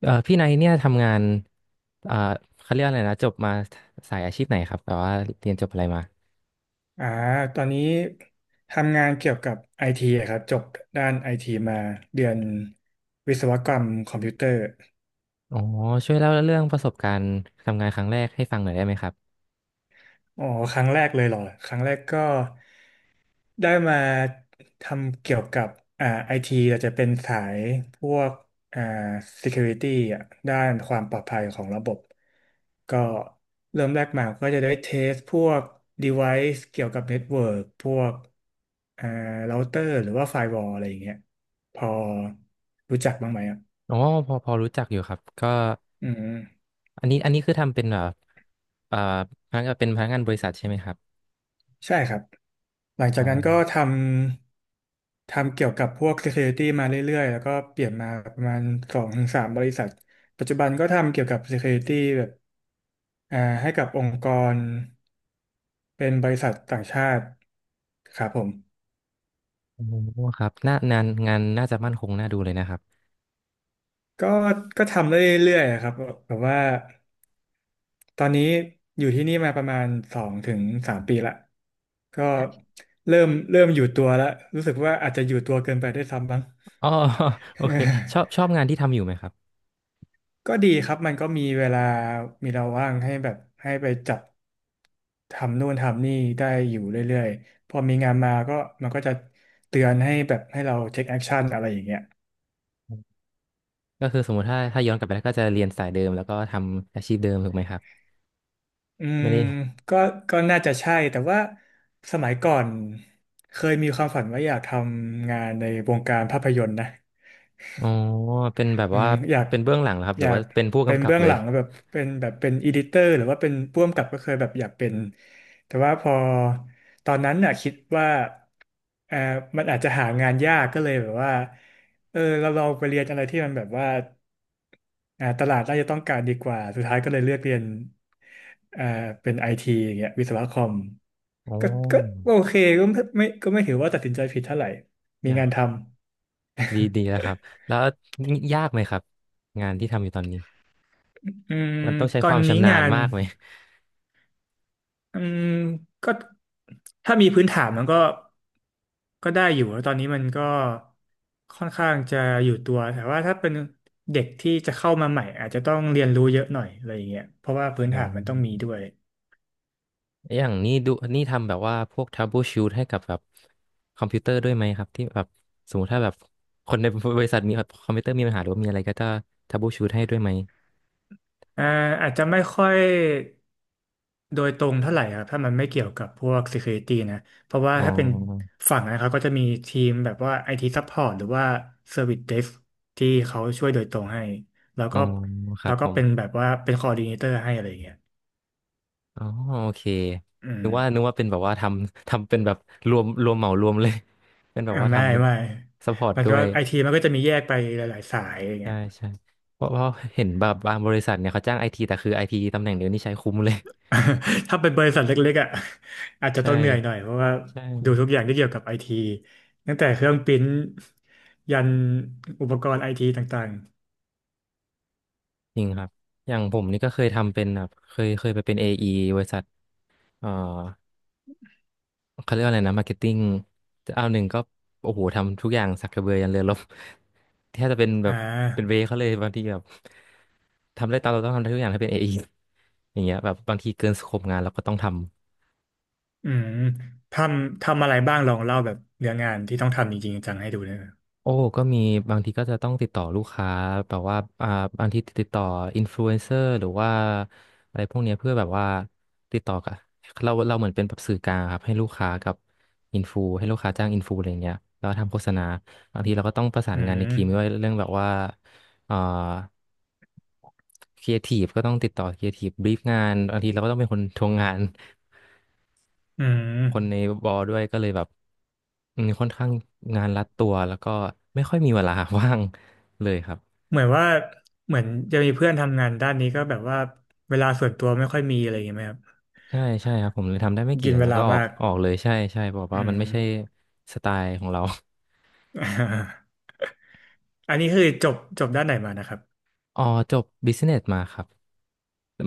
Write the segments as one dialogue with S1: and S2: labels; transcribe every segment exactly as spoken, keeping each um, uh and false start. S1: เอ่อพี่ไนท์เนี่ยทำงานเอ่อเขาเรียกอะไรนะจบมาสายอาชีพไหนครับแบบว่าเรียนจบอะไรมา
S2: อ่าตอนนี้ทำงานเกี่ยวกับไอทีครับจบด้านไอทีมาเรียนวิศวกรรมคอมพิวเตอร์
S1: อ๋อช่วยเล่าเรื่องประสบการณ์ทำงานครั้งแรกให้ฟังหน่อยได้ไหมครับ
S2: อ๋อครั้งแรกเลยเหรอ ครั้งแรกก็ ได้มาทำเกี่ยวกับอ่าไอทีเราจะเป็นสายพวกอ่า security อ่ะด้านความปลอดภัยของระบบก็เริ่มแรกมาก็จะได้เทสพวก device เกี่ยวกับ network พวกอ่า router หรือว่า firewall อะไรอย่างเงี้ยพอรู้จักบ้างไหมอ่ะ
S1: อ๋อพอพอรู้จักอยู่ครับก็
S2: อืม
S1: อันนี้อันนี้คือทำเป็นแบบเอ่อพนักงานเป็นพนักงานบริษัทใช่ไหมครับ
S2: ใช่ครับ หลังจา
S1: อ๋
S2: ก
S1: อ
S2: นั้นก็ทำทำเกี่ยวกับพวก Security มาเรื่อยๆแล้วก็เปลี่ยนมาประมาณสองถึงสามบริษัทปัจจุบันก็ทำเกี่ยวกับ Security แบบอ่าให้กับองค์กรเป็นบริษัทต่างชาติครับผม
S1: โอ้ครับน่างานงานน่าจะมั่นคงน่าดูเลยนะครับ
S2: ก็ก็ทำเรื่อยๆครับแบบว่าตอนนี้อยู่ที่นี่มาประมาณสองถึงสามปีละก็เริ่มเริ่มอยู่ตัวแล้วรู้สึกว่าอาจจะอยู่ตัวเกินไปได้วยซ้ำบ้าง
S1: อ๋อ โอเคชอบ ชอบงานที่ทำอยู่ไหมครับ
S2: ก็ดีครับมันก็มีเวลามีเราว่างให้แบบให้ไปจับทำนู่นทำนี่ได้อยู่เรื่อยๆพอมีงานมาก็มันก็จะเตือนให้แบบให้เราเทคแอคชั่นอะไรอย่างเงี้ย
S1: ก็คือสมมติถ้าถ้าย้อนกลับไปแล้วก็จะเรียนสายเดิมแล้วก็ทำอาชีพเดิมถูกไหมครับ
S2: อื
S1: ไม่
S2: ม
S1: ได้
S2: ก็ก็น่าจะใช่แต่ว่าสมัยก่อนเคยมีความฝันว่าอยากทำงานในวงการภาพยนตร์นะ
S1: อ๋อเป็นแบบ
S2: อื
S1: ว่า
S2: มอยาก
S1: เป็นเบื้องหลังเหรอครับห
S2: อ
S1: รือ
S2: ยา
S1: ว่า
S2: ก
S1: เป็นผู้
S2: เป็น
S1: กำกับ
S2: เบื้อง
S1: เล
S2: ห
S1: ย
S2: ลังแบบเป็นแบบเป็นอีดิเตอร์หรือว่าเป็นผู้กำกับก็เคยแบบอยากเป็นแต่ว่าพอตอนนั้นน่ะคิดว่าเออมันอาจจะหางานยากก็เลยแบบว่าเออเราลองไปเรียนอะไรที่มันแบบว่าอ่าตลาดน่าจะต้องการดีกว่าสุดท้ายก็เลยเลือกเรียนอ่าเป็นไอทีอย่างเงี้ยวิศวะคอม
S1: อ๋อ
S2: ก็ก็โอเคก็ไม่ไม่ก็ไม่ถือว่าตัดสินใจผิดเท่าไหร่มี
S1: นะ
S2: งานทำ
S1: ดีดีแล้วครับแล้วยากไหมครับงานที่ทำอยู่ตอนนี้
S2: อืม
S1: มันต้องใช้
S2: ตอ
S1: ควา
S2: น
S1: ม
S2: นี้
S1: ชำนา
S2: งา
S1: ญ
S2: น
S1: มากไหม
S2: อืมก็ถ้ามีพื้นฐานมันก็ก็ได้อยู่แล้วตอนนี้มันก็ค่อนข้างจะอยู่ตัวแต่ว่าถ้าเป็นเด็กที่จะเข้ามาใหม่อาจจะต้องเรียนรู้เยอะหน่อยอะไรอย่างเงี้ยเพราะว่าพื้น
S1: อ๋
S2: ฐานมันต้องมี
S1: อ
S2: ด้วย
S1: อย่างนี้ดูนี่ทำแบบว่าพวก troubleshoot ให้กับแบบคอมพิวเตอร์ด้วยไหมครับที่แบบสมมติถ้าแบบคนในบริษัทมีคอมพิวเตอร์มีปัญหาหรือว่ามีอะไรก็จะ troubleshoot ให้ด้วยไหม
S2: อ่าอาจจะไม่ค่อย โดยตรงเท่าไหร่ครับถ้ามันไม่เกี่ยวกับพวก security นะเพราะว่า
S1: อ๋อ
S2: ถ้าเป็นฝั่งนะครับก็จะมีทีมแบบว่า ไอ ที support หรือว่า service desk ที่เขาช่วยโดยตรงให้แล้ว
S1: อ๋
S2: ก็
S1: อครั
S2: แล้
S1: บ
S2: ว
S1: ผ
S2: ก็เป็นแบ
S1: ม
S2: บว่าเป็น coordinator ให้อะไรอย่างเงี้ย
S1: อ๋อโอเค
S2: อืม
S1: นึกว่านึกว่าเป็นแบบว่าทำทำเป็นแบบรวมรวมเหมารวมเลย เป็นแบบ
S2: อ่า
S1: ว่าท
S2: ไม่ไม่
S1: ำซัพพอร์ต
S2: มัน
S1: ด้
S2: ก็
S1: วย
S2: ไอทีมันก็จะมีแยกไปหลายๆสายอย่างเงี้
S1: ใช่
S2: ย
S1: ใช่เพราะเพราะเห็นแบบบางบริษัทเนี่ยเขาจ้างไอทีแต่คือไอทีตำแหน่งเดียวนี่ใช้คุ้มเลย
S2: ถ้าเป็นบริษัทเล็กๆอ่ะอาจจะ
S1: ใช
S2: ต้องเหนื่อยหน่อย
S1: ่
S2: เพราะว่า
S1: ใช่
S2: ดูทุกอย่างที่เกี่ยวกับไอทีตั้งแต่เครื่องปริ้นท์ยันอุปกรณ์ไอทีต่าง
S1: จริงครับอย่างผมนี่ก็เคยทำเป็นแบบเคยเคยไปเป็น เอ อี บริษัทเอ่อเขาเรียกว่าอะไรนะมาร์เก็ตติ้งเอาหนึ่งก็โอ้โหทำทุกอย่างสักกระเบือยันเรือรบ แทบจะเป็น
S2: ๆ
S1: แบ
S2: อ่า
S1: บเป็นเวย์เขาเลยบางทีแบบ ทำได้ตามเราต้องทำทุกอย่างให้เป็นเอ i ออย่างเงี้ยแบบบางทีเกินสโคปงานเราก็ต้องทำ
S2: อืมทำทำอะไรบ้างลองเล่าแบบเนื้องานที่ต้องทำจริงๆจังๆให้ดูได้ไหม
S1: โอ้ก็มีบางทีก็จะต้องติดต่อลูกค้าแบบว่าอ่าบางทีติดต่ออินฟลูเอนเซอร์หรือว่าอะไรพวกเนี้ยเพื่อแบบว่าติดต่อกับเราเราเหมือนเป็นแบบสื่อกลางครับให้ลูกค้ากับอินฟูให้ลูกค้าจ้างอินฟูอะไรเงี้ยแล้วทำโฆษณาบางทีเราก็ต้องประสาน
S2: อื
S1: งานใน
S2: ม
S1: ทีมไม่วาเรื่องแบบว่าเอ่อครีเอทีฟก็ต้องติดต่อครีเอทีฟบรีฟงานบางทีเราก็ต้องเป็นคนทวงงาน
S2: อืม
S1: คนในบอด้วยก็เลยแบบอืมค่อนข้างงานรัดตัวแล้วก็ไม่ค่อยมีเวลา ว่างเลยครับ
S2: เหมือนว่าเหมือนจะมีเพื่อนทำงานด้านนี้ก็แบบว่าเวลาส่วนตัวไม่ค่อยมีอะไรอย่างเงี้ยไหมครับ
S1: ใช่ใช่ครับผมเลยทำได้ไม่กี่
S2: กิน
S1: เดือน
S2: เว
S1: แล้ว
S2: ลา
S1: ก็ออก
S2: มาก
S1: ออกเลยใช่ใช่บอก
S2: อื
S1: ว่ามั
S2: ม
S1: นไม่ใช่สไตล์ของเรา
S2: อันนี้คือจบจบด้านไหนมานะครับ
S1: อ๋อจบบิสเนสมาครับ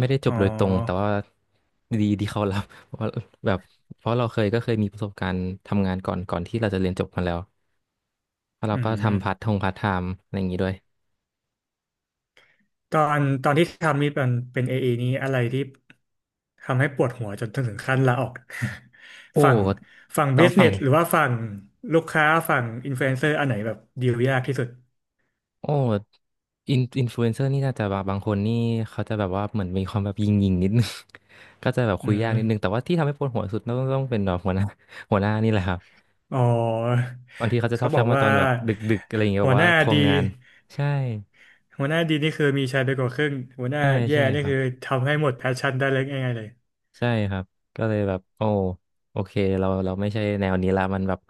S1: ไม่ได้จ
S2: อ๋อ
S1: บโดยตรงแต่ว่าดี ที่เขารับ เพราะว่าแบบเพราะเราเคยก็เคยมีประสบการณ์ทำงานก่อนก่อนที่เราจะเรียนจบมาแล้วแล้วเรา
S2: อื
S1: ก็
S2: ม
S1: ทำพาร์ททงพาร์ทไทม์อะไรอย่างนี้ด้วย
S2: ตอนตอนที่ทำนี่เป็นเป็นเออีนี้อะไรที่ทำให้ปวดหัวจนถึงขั้นลาออก
S1: โอ้
S2: ฝั่งฝั่ง
S1: ตอ
S2: บิ
S1: น
S2: สเน
S1: ฝั่ง
S2: สหรือว่าฝั่งลูกค้าฝั่งอินฟลูเอนเซอร์อันไหนแบบดีลยากที่สุด
S1: โอ้อินอินฟลูเอนเซอร์นี่น่าจะแบบบางคนนี่เขาจะแบบว่าเหมือนมีความแบบยิงยิงนิดนึง ก็จะแบบ
S2: อื
S1: คุยยา
S2: ม
S1: กนิดนึงแต่ว่าที่ทำให้ปวดหัวสุดต้องต้องเป็นแบบหัวหน้าหัวหน้านี่แหละครับ
S2: อ๋อ
S1: บางทีเขาจะช
S2: เขา
S1: อบ
S2: บ
S1: ชั
S2: อก
S1: กมาต
S2: ว่า
S1: อนแบบดึกๆอะไรอย่างเงี้ยแบ
S2: หัว
S1: บ
S2: ห
S1: ว่า
S2: น้า
S1: ทวง
S2: ดี
S1: งานใช่
S2: หัวหน้าดีนี่คือมีชัยไปกว่าครึ่งหัวหน้า
S1: ใช่
S2: แย่
S1: ใช่
S2: นี่
S1: ครับ
S2: คือทำให้หมดแพชชั่นได้เลยง่ายๆเลย
S1: ใช่ครับก็เลยแบบโอ้โอเคเราเราไม่ใช่แนวนี้ละมันแบบ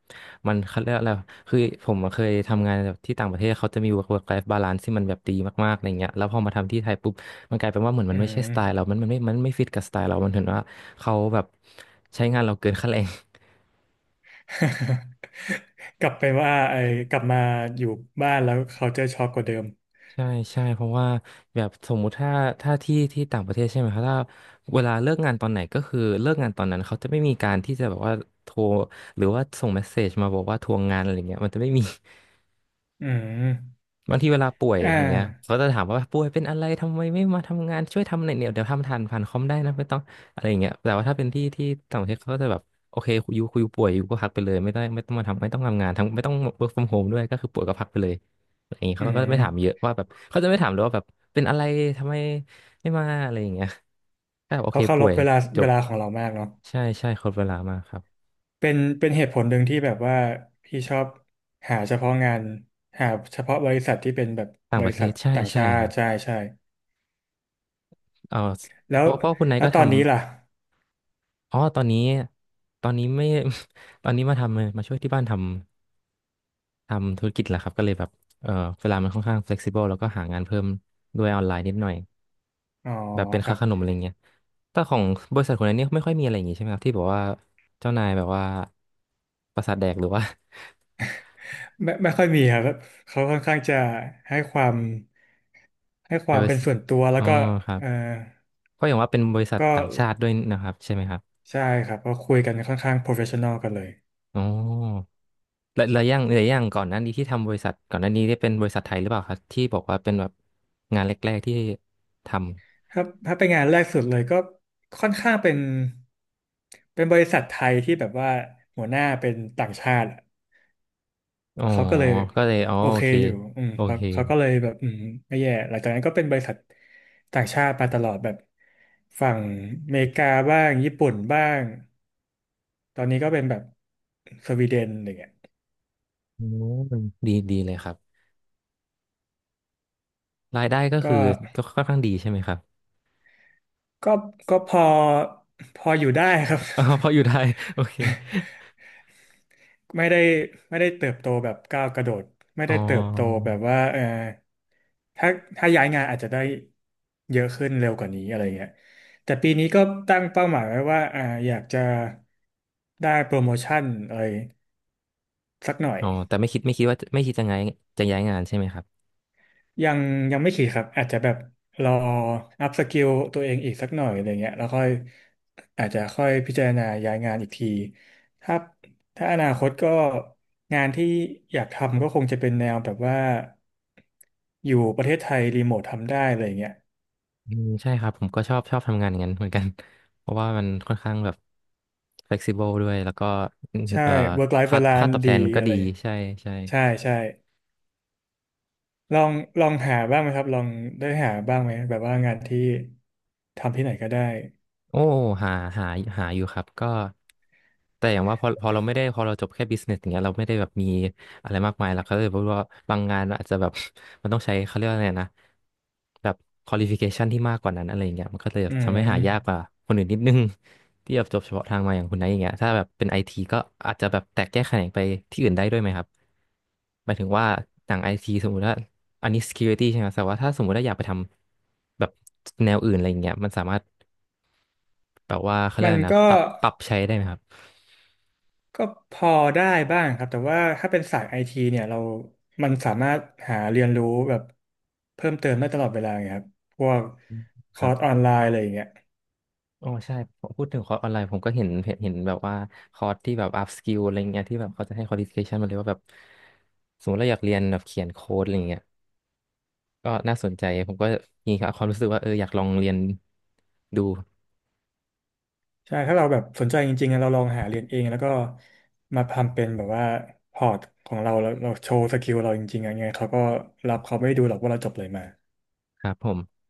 S1: มันเขาเรียกอะไรคือผมอะเคยทำงานแบบที่ต่างประเทศเขาจะมี work work life balance ที่มันแบบดีมากๆอะไรเงี้ยแล้วพอมาทำที่ไทยปุ๊บมันกลายเป็นว่าเหมือน
S2: อื
S1: มัน
S2: ม
S1: ไม่ใช่สไตล์เรามันมันไม่มันไม่ฟิตกับสไตล์เรา มันเห็นว่าเขาแบบใช้งานเราเกินค่าแรง
S2: กลับไปว่าไอ้กลับมาอยู่บ้านแล้วเขาเจอช็อกกว่าเดิม
S1: ใช่ใช่เพราะว่าแบบสมมุติถ้าถ้าที่ที่ต่างประเทศใช่ไหมครับถ้าเวลาเลิกงานตอนไหนก็คือเลิกงานตอนนั้นเขาจะไม่มีการที่จะแบบว่าโทรหรือว่าส่งเมสเซจมาบอกว่าทวงงานอะไรเงี้ยมันจะไม่มี
S2: อืม
S1: บางทีเวลาป่วย
S2: อ่า
S1: อย่างเงี้ยเขาจะถามว่าป่วยเป็นอะไรทำไมไม่มาทำงานช่วยทำหน่อยเนี่ยเดี๋ยวทำทันผ่านคอมได้นะไม่ต้องอะไรอย่างเงี้ยแต่ว่าถ้าเป็นที่ที่ต่างประเทศเขาก็จะแบบโอเคอยูคุยป่วยอยู่ก็พักไปเลยไม่ได้ไม่ต้องมาทำไม่ต้องทำงานทั้งไม่ต้อง work from home ด้วยก็คือป่วยก็พักไปเลยอะไรอย่างเงี้ย
S2: อื
S1: เขาก็ไม่ถามเย
S2: ม
S1: อะว่าแบบเขาจะไม่ถามเลยว่าแบบเป็นอะไรทำไมไม่มาอะไรอย่างเงี้ยก็แบบโอเค
S2: เขาเคาร
S1: ป่ว
S2: พ
S1: ย
S2: เวลา
S1: จ
S2: เว
S1: บ
S2: ลาของเรามากเนาะ
S1: ใช่ใช่ครบเวลามากครับ
S2: เป็นเป็นเหตุผลหนึ่งที่แบบว่าพี่ชอบหาเฉพาะงานหาเฉพาะบริษัทที่เป็นแบบ
S1: ต่าง
S2: บ
S1: ป
S2: ริ
S1: ระเท
S2: ษั
S1: ศ
S2: ท
S1: ใช่
S2: ต่าง
S1: ใช่
S2: ชา
S1: ครั
S2: ติใช่
S1: บ
S2: ใช่
S1: เออ
S2: แล้
S1: เพ
S2: ว
S1: ราะเพราะคุณนาย
S2: แล้
S1: ก็
S2: วตอ
S1: ทำ
S2: นนี้ล่ะ
S1: อ๋อตอนนี้ ตอนนี้ไม่ ตอนนี้มาทำมาช่วยที่บ้านทำ ทำธุรกิจแหละครับก็เลยแบบเออเวลามันค่อนข้าง flexible แล้วก็หางานเพิ่มด้วยออนไลน์นิดหน่อย
S2: อ๋อ
S1: แบบเป็น
S2: ครั
S1: ค่า
S2: บ
S1: ขนมอะไรเงี้ยแต่ของบริษัทคนนั้นเนี่ยไม่ค่อยมีอะไรอย่างงี้ใช่ไหมครับ ที่บอกว่า เจ้านายแบบว่า ประสาทแดกหรือว่า
S2: ไม่ไม่ค่อยมีครับแบบเขาค่อนข้างจะให้ความให้ ความเป็น
S1: privacy
S2: ส่วนตัวแล้
S1: อ๋
S2: ว
S1: อ
S2: ก็
S1: ครับ
S2: เออ
S1: ก็อย่างว่าเป็นบริษัท
S2: ก็
S1: ต่างชาติด้วยนะครับใช่ไหมครับ
S2: ใช่ครับก็คุยกันค่อนข้าง professional กันเลย
S1: อ๋อ แล้วแล้วอย่างแล้วอย่างก่อนหน้านี้ที่ทำบริษัทก่อนหน้านี้ได้เป็นบริษัทไทยหรือเปล่าครับที่บอกว่าเป็นแบบงานแรกๆที่ท
S2: ถ้าถ้าเป็นงานแรกสุดเลยก็ค่อนข้างเป็นเป็นบริษัทไทยที่แบบว่าหัวหน้าเป็นต่างชาติอะ
S1: ำอ๋อ
S2: เขาก็เลย
S1: ก็เลยอ๋อ
S2: โอ
S1: โอ
S2: เค
S1: เค
S2: อยู่อืม
S1: โอ
S2: เขา
S1: เค
S2: เขาก็เลยแบบอืมไม่แย่หลังจากนั้นก็เป็นบริษัทต่างชาติมาตลอดแบบฝั่งอเมริกาบ้างญี่ปุ่นบ้างตอนนี้ก็เป็นแบบสวีเดนอะไรเงี้ย
S1: โอดีดีเลยครับรายได้ก็คือ
S2: ก็
S1: ก็ค่อนข้างดีใช่ไหมครับ
S2: ก็ก็พอพออยู่ได้ครับ
S1: อ๋อเพราะอยู่ไทยโอเค
S2: ไม่ได้ไม่ได้เติบโตแบบก้าวกระโดดไม่
S1: อ๋อ
S2: ได้เติบโตแบบว่าเออถ้าถ้าย้ายงานอาจจะได้เยอะขึ้นเร็วกว่านี้อะไรเงี้ยแต่ปีนี้ก็ตั้งเป้าหมายไว้ว่าอ่าอยากจะได้โปรโมชั่นอะไรสักหน่อย
S1: อ๋อแต่ไม่คิดไม่คิดว่าไม่คิดจะย้ายจะย้ายงานใช่ไหมครับ
S2: ยังยังไม่คิดครับอาจจะแบบรออัพสกิลตัวเองอีกสักหน่อยอะไรเงี้ยแล้วค่อยอาจจะค่อยพิจารณาย้ายงานอีกทีถ้าถ้าอนาคตก็งานที่อยากทำก็คงจะเป็นแนวแบบว่าอยู่ประเทศไทยรีโมททำได้อะไรเงี้ย
S1: อืมใช่ครับผมก็ชอบชอบทำงานอย่างนั้นเหมือนกัน เพราะว่ามันค่อนข้างแบบ flexible ด้วยแล้วก็อืม
S2: ใช่
S1: เอ่อ
S2: work life
S1: ค่าค่า
S2: balance
S1: ตอบแท
S2: ดี
S1: นก็
S2: อะ
S1: ดี
S2: ไร
S1: ใช่ใช่
S2: ใช่ใช่ลองลองหาบ้างไหมครับลองได้หาบ้างไหมแบบว่างานที่ทำที่ไหนก็ได้
S1: โอ้หาหาหาอยู่ครับก็ แต่อย่างว่าพอพอเราไม่ได้พอเราจบแค่บิสเนสอย่างเงี้ยเราไม่ได้แบบมีอะไรมากมายแล้วเขาเลยพูดว่าบางงานมันอาจจะแบบ มันต้องใช้เขาเรียกว่าอะไรนะแบบค u a l i f i c a t i o n ที่มากกว่านั้นอะไรอย่างเงี้ยมันก็เลย
S2: อื
S1: ทำให้หา
S2: ม
S1: ยากกว่าคนอื่นนิดนึง ที่แบบจบเฉพาะทางมาอย่างคุณไนท์อย่างเงี้ยถ้าแบบเป็นไอทีก็อาจจะแบบแตกแยกแขนงไปที่อื่นได้ด้วยไหมครับหมายถึงว่าอย่างไอทีสมมุติว่าอันนี้ security ใช่ไหมแต่ว่าถ้าสมมุติว่าอยากไปทำแบบแนวอื่นอะไรอย่างเงี้ยมันสามารถ แบบว่าเขาเรียก
S2: มัน
S1: อะไรนะ
S2: ก็
S1: ปรับปรับใช้ได้ไหมครับ
S2: ก็พอได้บ้างครับแต่ว่าถ้าเป็นสายไอทีเนี่ยเรามันสามารถหาเรียนรู้แบบเพิ่มเติมได้ตลอดเวลาไงครับพวกค
S1: ค
S2: อ
S1: รับ
S2: ร์สออนไลน์อะไรอย่างเงี้ย
S1: อ๋อใช่ผมพูดถึงคอร์สออนไลน์ผมก็เห็นเห็นเห็นแบบว่าคอร์สที่แบบ up skill อะไรเงี้ยที่แบบเขาจะให้ qualification มาเลยว่าแบบสมมติเราอยากเรียนแบบเขียนโค้ดอะไรเงี้ยก็น่าสนใจผมก็มีความรู้สึกว่าเอออยากลองเรียนดู
S2: ใช่ถ้าเราแบบสนใจจริงๆอะเราลองหาเรียนเองแล้วก็มาทำเป็นแบบว่าพอร์ตของเราแล้วเราโชว์สกิลเราจริงๆอะไรเงี้ยเขาก็รับเขาไม่ดูหรอกว่าเราจบอะไรมา
S1: ครับผม